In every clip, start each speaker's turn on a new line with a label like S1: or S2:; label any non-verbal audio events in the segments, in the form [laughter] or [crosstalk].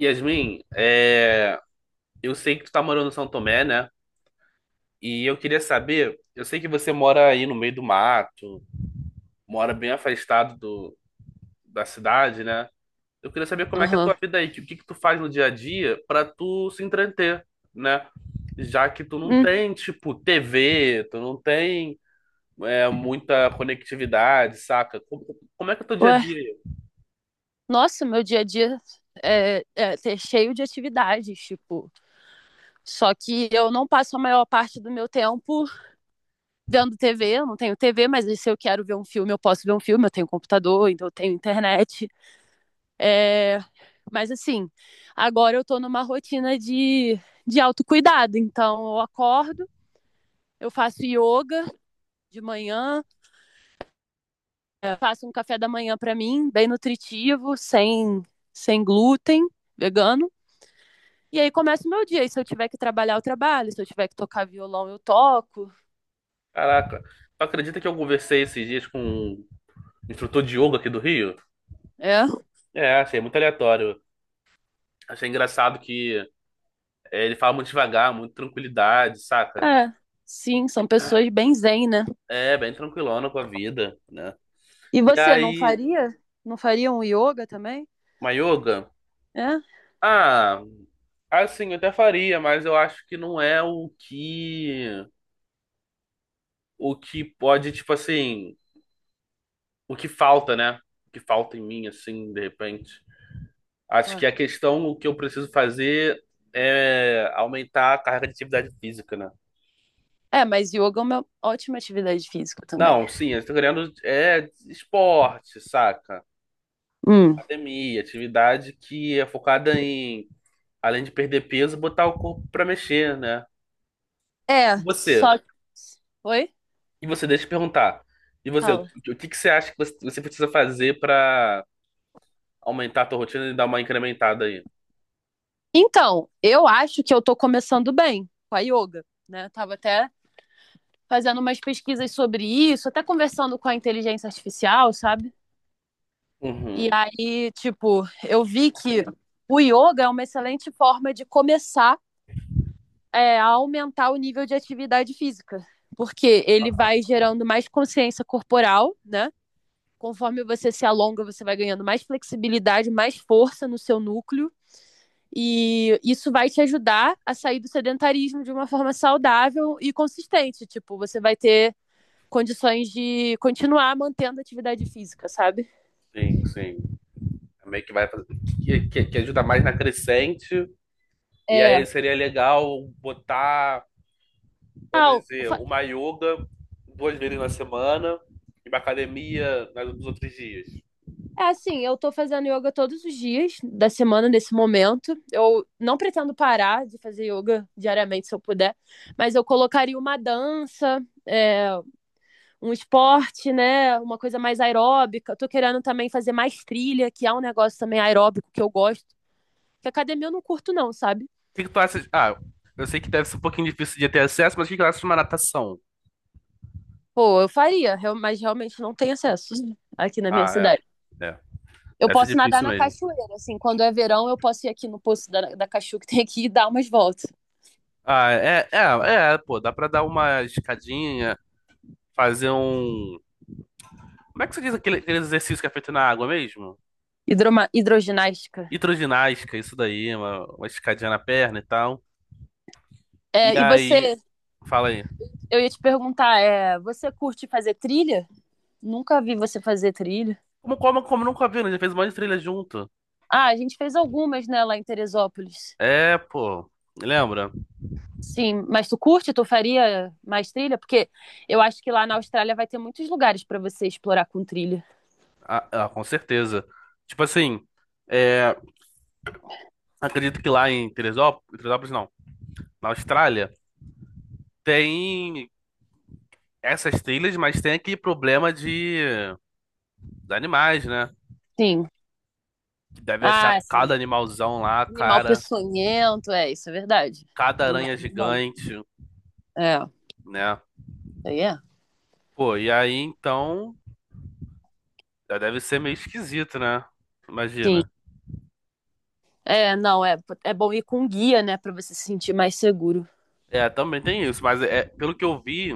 S1: Yasmin, eu sei que tu tá morando em São Tomé, né? E eu queria saber, eu sei que você mora aí no meio do mato, mora bem afastado da cidade, né? Eu queria saber como é que é a
S2: Aham.
S1: tua vida aí, o que que tu faz no dia a dia pra tu se entreter, né? Já que tu não
S2: Hum,
S1: tem, tipo, TV, tu não tem muita conectividade, saca? Como é que é o teu dia a
S2: ué,
S1: dia aí?
S2: nossa, meu dia a dia é cheio de atividades, tipo. Só que eu não passo a maior parte do meu tempo vendo TV, eu não tenho TV, mas se eu quero ver um filme, eu posso ver um filme, eu tenho computador, então eu tenho internet. É, mas assim, agora eu tô numa rotina de autocuidado, então eu acordo, eu faço yoga de manhã, faço um café da manhã pra mim, bem nutritivo, sem glúten, vegano. E aí começa o meu dia. E se eu tiver que trabalhar, eu trabalho. Se eu tiver que tocar violão, eu toco.
S1: Caraca, tu acredita que eu conversei esses dias com um instrutor de yoga aqui do Rio?
S2: É,
S1: É, achei muito aleatório. Achei engraçado que ele fala muito devagar, muito tranquilidade, saca?
S2: é. Sim, são pessoas bem zen, né?
S1: É, bem tranquilona com a vida, né?
S2: E
S1: E
S2: você não
S1: aí,
S2: faria? Não faria um yoga também?
S1: Mayoga?
S2: É?
S1: Ah, assim, eu até faria, mas eu acho que não é o que. O que pode, tipo assim. O que falta, né? O que falta em mim, assim, de repente. Acho
S2: Ué.
S1: que a questão, o que eu preciso fazer é aumentar a carga de atividade física, né?
S2: É, mas yoga é uma ótima atividade física também.
S1: Não, sim, eu tô querendo é esporte, saca?
S2: Hum.
S1: Academia, atividade que é focada em, além de perder peso, botar o corpo pra mexer, né? E
S2: É,
S1: você?
S2: só. Oi?
S1: E você, deixa eu te perguntar. E você,
S2: Fala.
S1: o que que você acha que você precisa fazer pra aumentar a tua rotina e dar uma incrementada aí?
S2: Então, eu acho que eu tô começando bem com a yoga, né? Eu tava até fazendo umas pesquisas sobre isso, até conversando com a inteligência artificial, sabe? E
S1: Uhum.
S2: aí, tipo, eu vi que o yoga é uma excelente forma de começar a aumentar o nível de atividade física, porque ele
S1: Ah,
S2: vai gerando mais consciência corporal, né? Conforme você se alonga, você vai ganhando mais flexibilidade, mais força no seu núcleo, e isso vai te ajudar a sair do sedentarismo de uma forma saudável e consistente. Tipo, você vai ter condições de continuar mantendo a atividade física, sabe?
S1: sim, sim. É. Meio que vai fazer, que ajuda mais na crescente. E aí
S2: É.
S1: seria legal botar, vamos
S2: Ah,
S1: dizer, uma yoga duas vezes na semana e uma academia nos outros dias.
S2: é assim, eu tô fazendo yoga todos os dias da semana nesse momento. Eu não pretendo parar de fazer yoga diariamente se eu puder, mas eu colocaria uma dança, um esporte, né? Uma coisa mais aeróbica. Eu tô querendo também fazer mais trilha, que é um negócio também aeróbico que eu gosto. Porque academia eu não curto, não, sabe?
S1: O que que tu acha? Ah, eu sei que deve ser um pouquinho difícil de ter acesso, mas o que que tu acha de uma natação?
S2: Pô, eu faria, mas realmente não tem acesso aqui na minha
S1: Ah,
S2: cidade.
S1: é. É.
S2: Eu
S1: Deve ser
S2: posso nadar
S1: difícil
S2: na
S1: mesmo.
S2: cachoeira, assim, quando é verão, eu posso ir aqui no poço da Cachu que tem aqui e dar umas voltas.
S1: Ah, pô, dá pra dar uma escadinha, fazer um. Como é que você diz aquele exercício que é feito na água mesmo?
S2: Hidroginástica.
S1: Hidroginástica, isso daí, uma escadinha na perna e tal.
S2: É,
S1: E
S2: e
S1: aí,
S2: você,
S1: fala aí.
S2: eu ia te perguntar, você curte fazer trilha? Nunca vi você fazer trilha.
S1: Como nunca viu, né? Já fez um monte de trilha junto.
S2: Ah, a gente fez algumas, né, lá em Teresópolis.
S1: É, pô, lembra?
S2: Sim, mas tu curte? Tu faria mais trilha? Porque eu acho que lá na Austrália vai ter muitos lugares para você explorar com trilha.
S1: Ah, ah, com certeza. Tipo assim, é, acredito que lá em Teresópolis, Teresópolis não. Na Austrália tem essas trilhas, mas tem aquele problema de animais, né?
S2: Sim.
S1: Que deve achar
S2: Ah, sim.
S1: cada animalzão lá,
S2: Animal
S1: cara,
S2: peçonhento, é, isso é verdade.
S1: cada
S2: Não dá
S1: aranha
S2: pra dar mole.
S1: gigante,
S2: É,
S1: né?
S2: aí é.
S1: Pô, e aí então já deve ser meio esquisito, né?
S2: Sim.
S1: Imagina.
S2: É, não, é, é bom ir com guia, né, para você se sentir mais seguro.
S1: É, também tem isso, mas é, pelo que eu vi,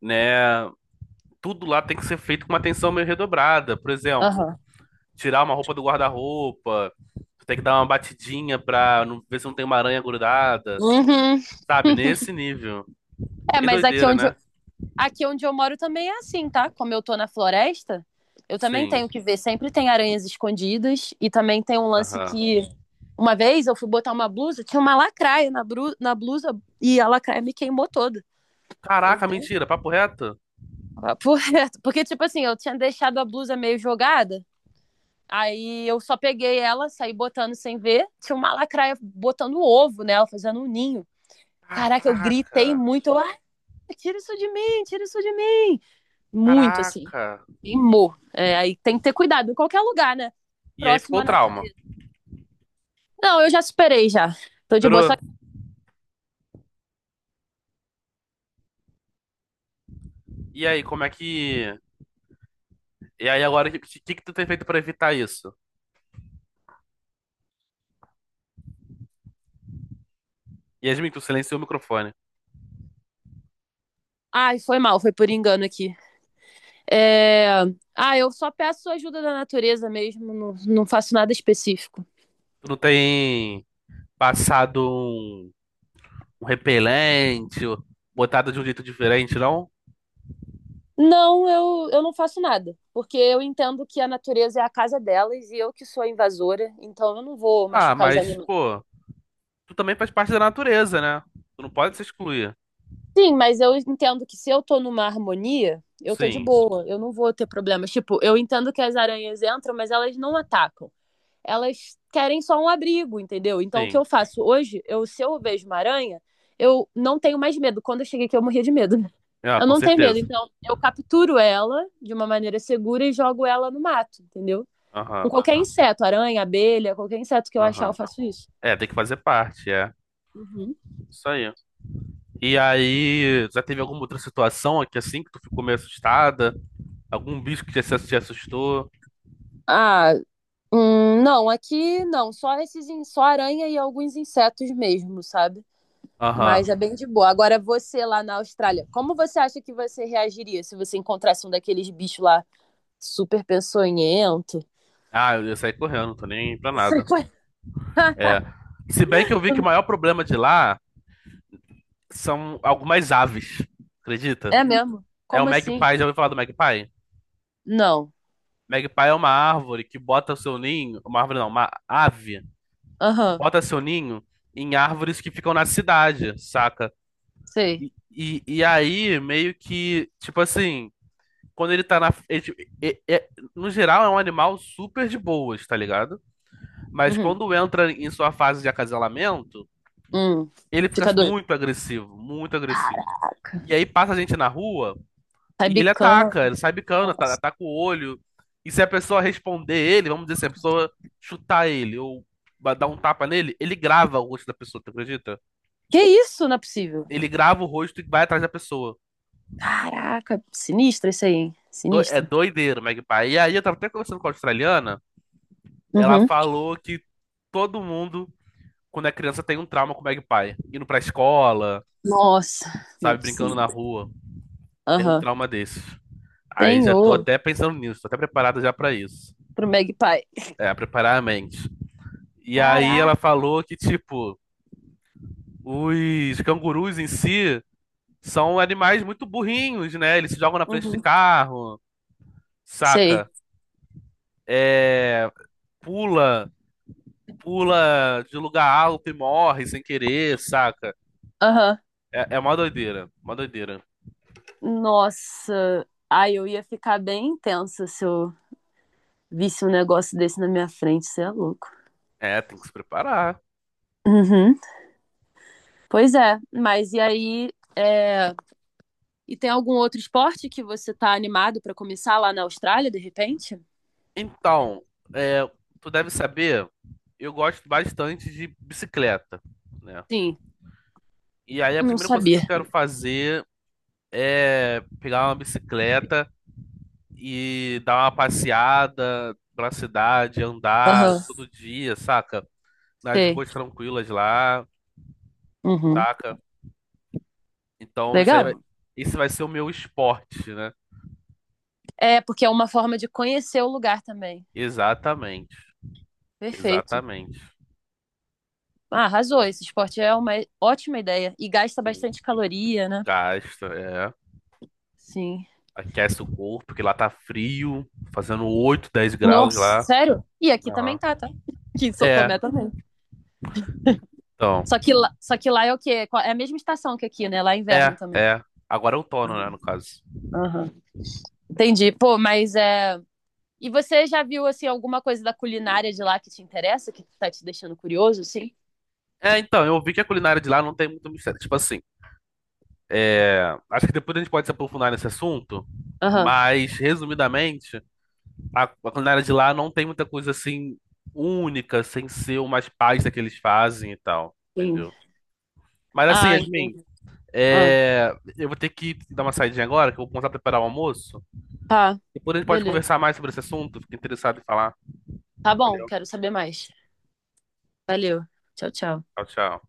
S1: né? Tudo lá tem que ser feito com uma atenção meio redobrada. Por exemplo,
S2: Aham.
S1: tirar uma roupa do guarda-roupa, tem que dar uma batidinha pra não, ver se não tem uma aranha grudada,
S2: Uhum.
S1: sabe?
S2: [laughs]
S1: Nesse nível.
S2: É,
S1: Bem
S2: mas aqui
S1: doideira,
S2: onde,
S1: né?
S2: aqui onde eu moro também é assim, tá? Como eu tô na floresta, eu também
S1: Sim.
S2: tenho que ver. Sempre tem aranhas escondidas e também tem um lance
S1: Aham.
S2: que. Uma vez eu fui botar uma blusa, tinha uma lacraia na, na blusa e a lacraia me queimou toda. Eu
S1: Caraca,
S2: dei um
S1: mentira, papo reto?
S2: papo [laughs] reto. Porque, tipo assim, eu tinha deixado a blusa meio jogada, aí eu só peguei ela, saí botando sem ver. Tinha uma lacraia botando um ovo nela, fazendo um ninho. Caraca, eu
S1: Caraca,
S2: gritei muito. Eu, ah, tira isso de mim, tira isso de mim. Muito, assim.
S1: caraca.
S2: Queimou. É, aí tem que ter cuidado em qualquer lugar, né?
S1: E aí ficou o
S2: Próxima
S1: trauma.
S2: natureza. Não, eu já superei já. Tô de boa. Só...
S1: Pero, e aí, como é que. E aí agora, o que que tu tem feito pra evitar isso? Yasmin, tu silenciou o microfone.
S2: Ai, foi mal, foi por engano aqui. É... Ah, eu só peço ajuda da natureza mesmo, não, não faço nada específico.
S1: Tu não tem passado um repelente, ou botado de um jeito diferente, não?
S2: Não, eu não faço nada, porque eu entendo que a natureza é a casa delas e eu que sou a invasora, então eu não vou
S1: Ah,
S2: machucar os
S1: mas,
S2: animais.
S1: pô, tu também faz parte da natureza, né? Tu não pode se excluir.
S2: Sim, mas eu entendo que se eu tô numa harmonia, eu tô de
S1: Sim,
S2: boa, eu não vou ter problemas. Tipo, eu entendo que as aranhas entram, mas elas não atacam. Elas querem só um abrigo, entendeu? Então, o que
S1: sim.
S2: eu faço hoje, eu, se eu vejo uma aranha, eu não tenho mais medo. Quando eu cheguei aqui, eu morria de medo.
S1: Ah,
S2: Eu
S1: com
S2: não tenho medo.
S1: certeza.
S2: Então, eu capturo ela de uma maneira segura e jogo ela no mato, entendeu? Com
S1: Aham,
S2: qualquer inseto, aranha, abelha, qualquer inseto que eu achar, eu
S1: aham.
S2: faço isso.
S1: É, tem que fazer parte, é.
S2: Uhum.
S1: Isso aí. E aí, já teve alguma outra situação aqui assim que tu ficou meio assustada? Algum bicho que te assustou?
S2: Ah, hum, não, aqui não, só esses, só aranha e alguns insetos mesmo, sabe?
S1: Aham.
S2: Mas é bem de boa. Agora você lá na Austrália, como você acha que você reagiria se você encontrasse um daqueles bichos lá super peçonhento?
S1: Ah, eu ia sair correndo, tô nem pra
S2: Você
S1: nada.
S2: co- [laughs]
S1: É. Se bem que eu vi que o maior problema de lá são algumas aves, acredita?
S2: É mesmo?
S1: É o
S2: Como assim?
S1: magpie, já ouviu falar do magpie?
S2: Não.
S1: Magpie é uma árvore que bota seu ninho, uma árvore não, uma ave que
S2: Aham,
S1: bota seu ninho em árvores que ficam na cidade, saca?
S2: sei.
S1: E aí, meio que, tipo assim, quando ele tá na. Ele, tipo, no geral, é um animal super de boas, tá ligado? Mas
S2: Uhum.
S1: quando entra em sua fase de acasalamento,
S2: Hum.
S1: ele fica
S2: Fica doido.
S1: muito agressivo, muito agressivo.
S2: Caraca.
S1: E aí passa a gente na rua
S2: Sai
S1: e ele
S2: bicando.
S1: ataca, ele sai bicando,
S2: Nossa.
S1: ataca o olho. E se a pessoa responder ele, vamos dizer, se a pessoa chutar ele ou dar um tapa nele, ele grava o rosto da pessoa, tu acredita?
S2: Que isso? Não é possível.
S1: Ele grava o rosto e vai atrás da pessoa.
S2: Caraca, sinistra isso aí, hein?
S1: É
S2: Sinistra.
S1: doideiro, o Magpie. E aí eu tava até conversando com a australiana, ela
S2: Uhum.
S1: falou que todo mundo, quando é criança, tem um trauma com o Magpie. Indo pra escola,
S2: Nossa, não é
S1: sabe, brincando na
S2: possível.
S1: rua, tem um
S2: Aham.
S1: trauma desses. Aí já tô
S2: Senhor,
S1: até pensando nisso, tô até preparado já pra isso.
S2: pro Magpie.
S1: É, preparar a mente. E aí
S2: Caraca.
S1: ela falou que, tipo, os cangurus em si são animais muito burrinhos, né? Eles se jogam na frente de
S2: Uhum.
S1: carro,
S2: Sei.
S1: saca? É, pula pula de lugar alto e morre sem querer, saca?
S2: Aham.
S1: É, é uma doideira, uma doideira.
S2: Nossa. Ai, eu ia ficar bem tensa se eu visse um negócio desse na minha frente. Você é louco.
S1: É, tem que se preparar.
S2: Uhum. Pois é, mas e aí? é, E tem algum outro esporte que você tá animado pra começar lá na Austrália, de repente?
S1: Então, é, tu deve saber, eu gosto bastante de bicicleta, né?
S2: Sim,
S1: E aí a
S2: não
S1: primeira coisa que eu
S2: sabia.
S1: quero fazer é pegar uma bicicleta e dar uma passeada pela cidade, andar
S2: Aham.
S1: todo dia, saca? Nas
S2: Sei.
S1: ruas tranquilas lá,
S2: Uhum.
S1: saca? Então isso aí vai,
S2: Legal.
S1: esse vai ser o meu esporte, né?
S2: É, porque é uma forma de conhecer o lugar também.
S1: Exatamente.
S2: Perfeito.
S1: Exatamente.
S2: Ah, arrasou.
S1: Entendeu?
S2: Esse esporte é uma ótima ideia. E gasta
S1: Sim.
S2: bastante caloria, né?
S1: Gasta, é.
S2: Sim.
S1: Aquece o corpo, porque lá tá frio, fazendo 8 10 graus
S2: Nossa,
S1: lá.
S2: sério? E aqui também
S1: Aham.
S2: tá, tá? [laughs] Aqui em São
S1: É,
S2: Tomé também.
S1: então.
S2: Só que lá é o quê? É a mesma estação que aqui, né? Lá é inverno
S1: É,
S2: também.
S1: é. Agora é outono, né, no caso.
S2: Aham. Entendi. Pô, mas é. E você já viu, assim, alguma coisa da culinária de lá que te interessa, que tá te deixando curioso, assim?
S1: É, então, eu vi que a culinária de lá não tem muito mistério. Tipo assim, é, acho que depois a gente pode se aprofundar nesse assunto,
S2: Aham.
S1: mas, resumidamente, a culinária de lá não tem muita coisa assim única, sem ser umas pastas que eles fazem e tal,
S2: Sim.
S1: entendeu? Mas assim,
S2: Ah,
S1: Yasmin.
S2: entendi. Ah,
S1: É, eu vou ter que dar uma saidinha agora, que eu vou começar a preparar o almoço.
S2: tá.
S1: Depois a gente pode
S2: Beleza.
S1: conversar mais sobre esse assunto. Fico interessado em falar.
S2: Tá bom,
S1: Valeu.
S2: quero saber mais. Valeu. Tchau, tchau.
S1: Tchau, tchau.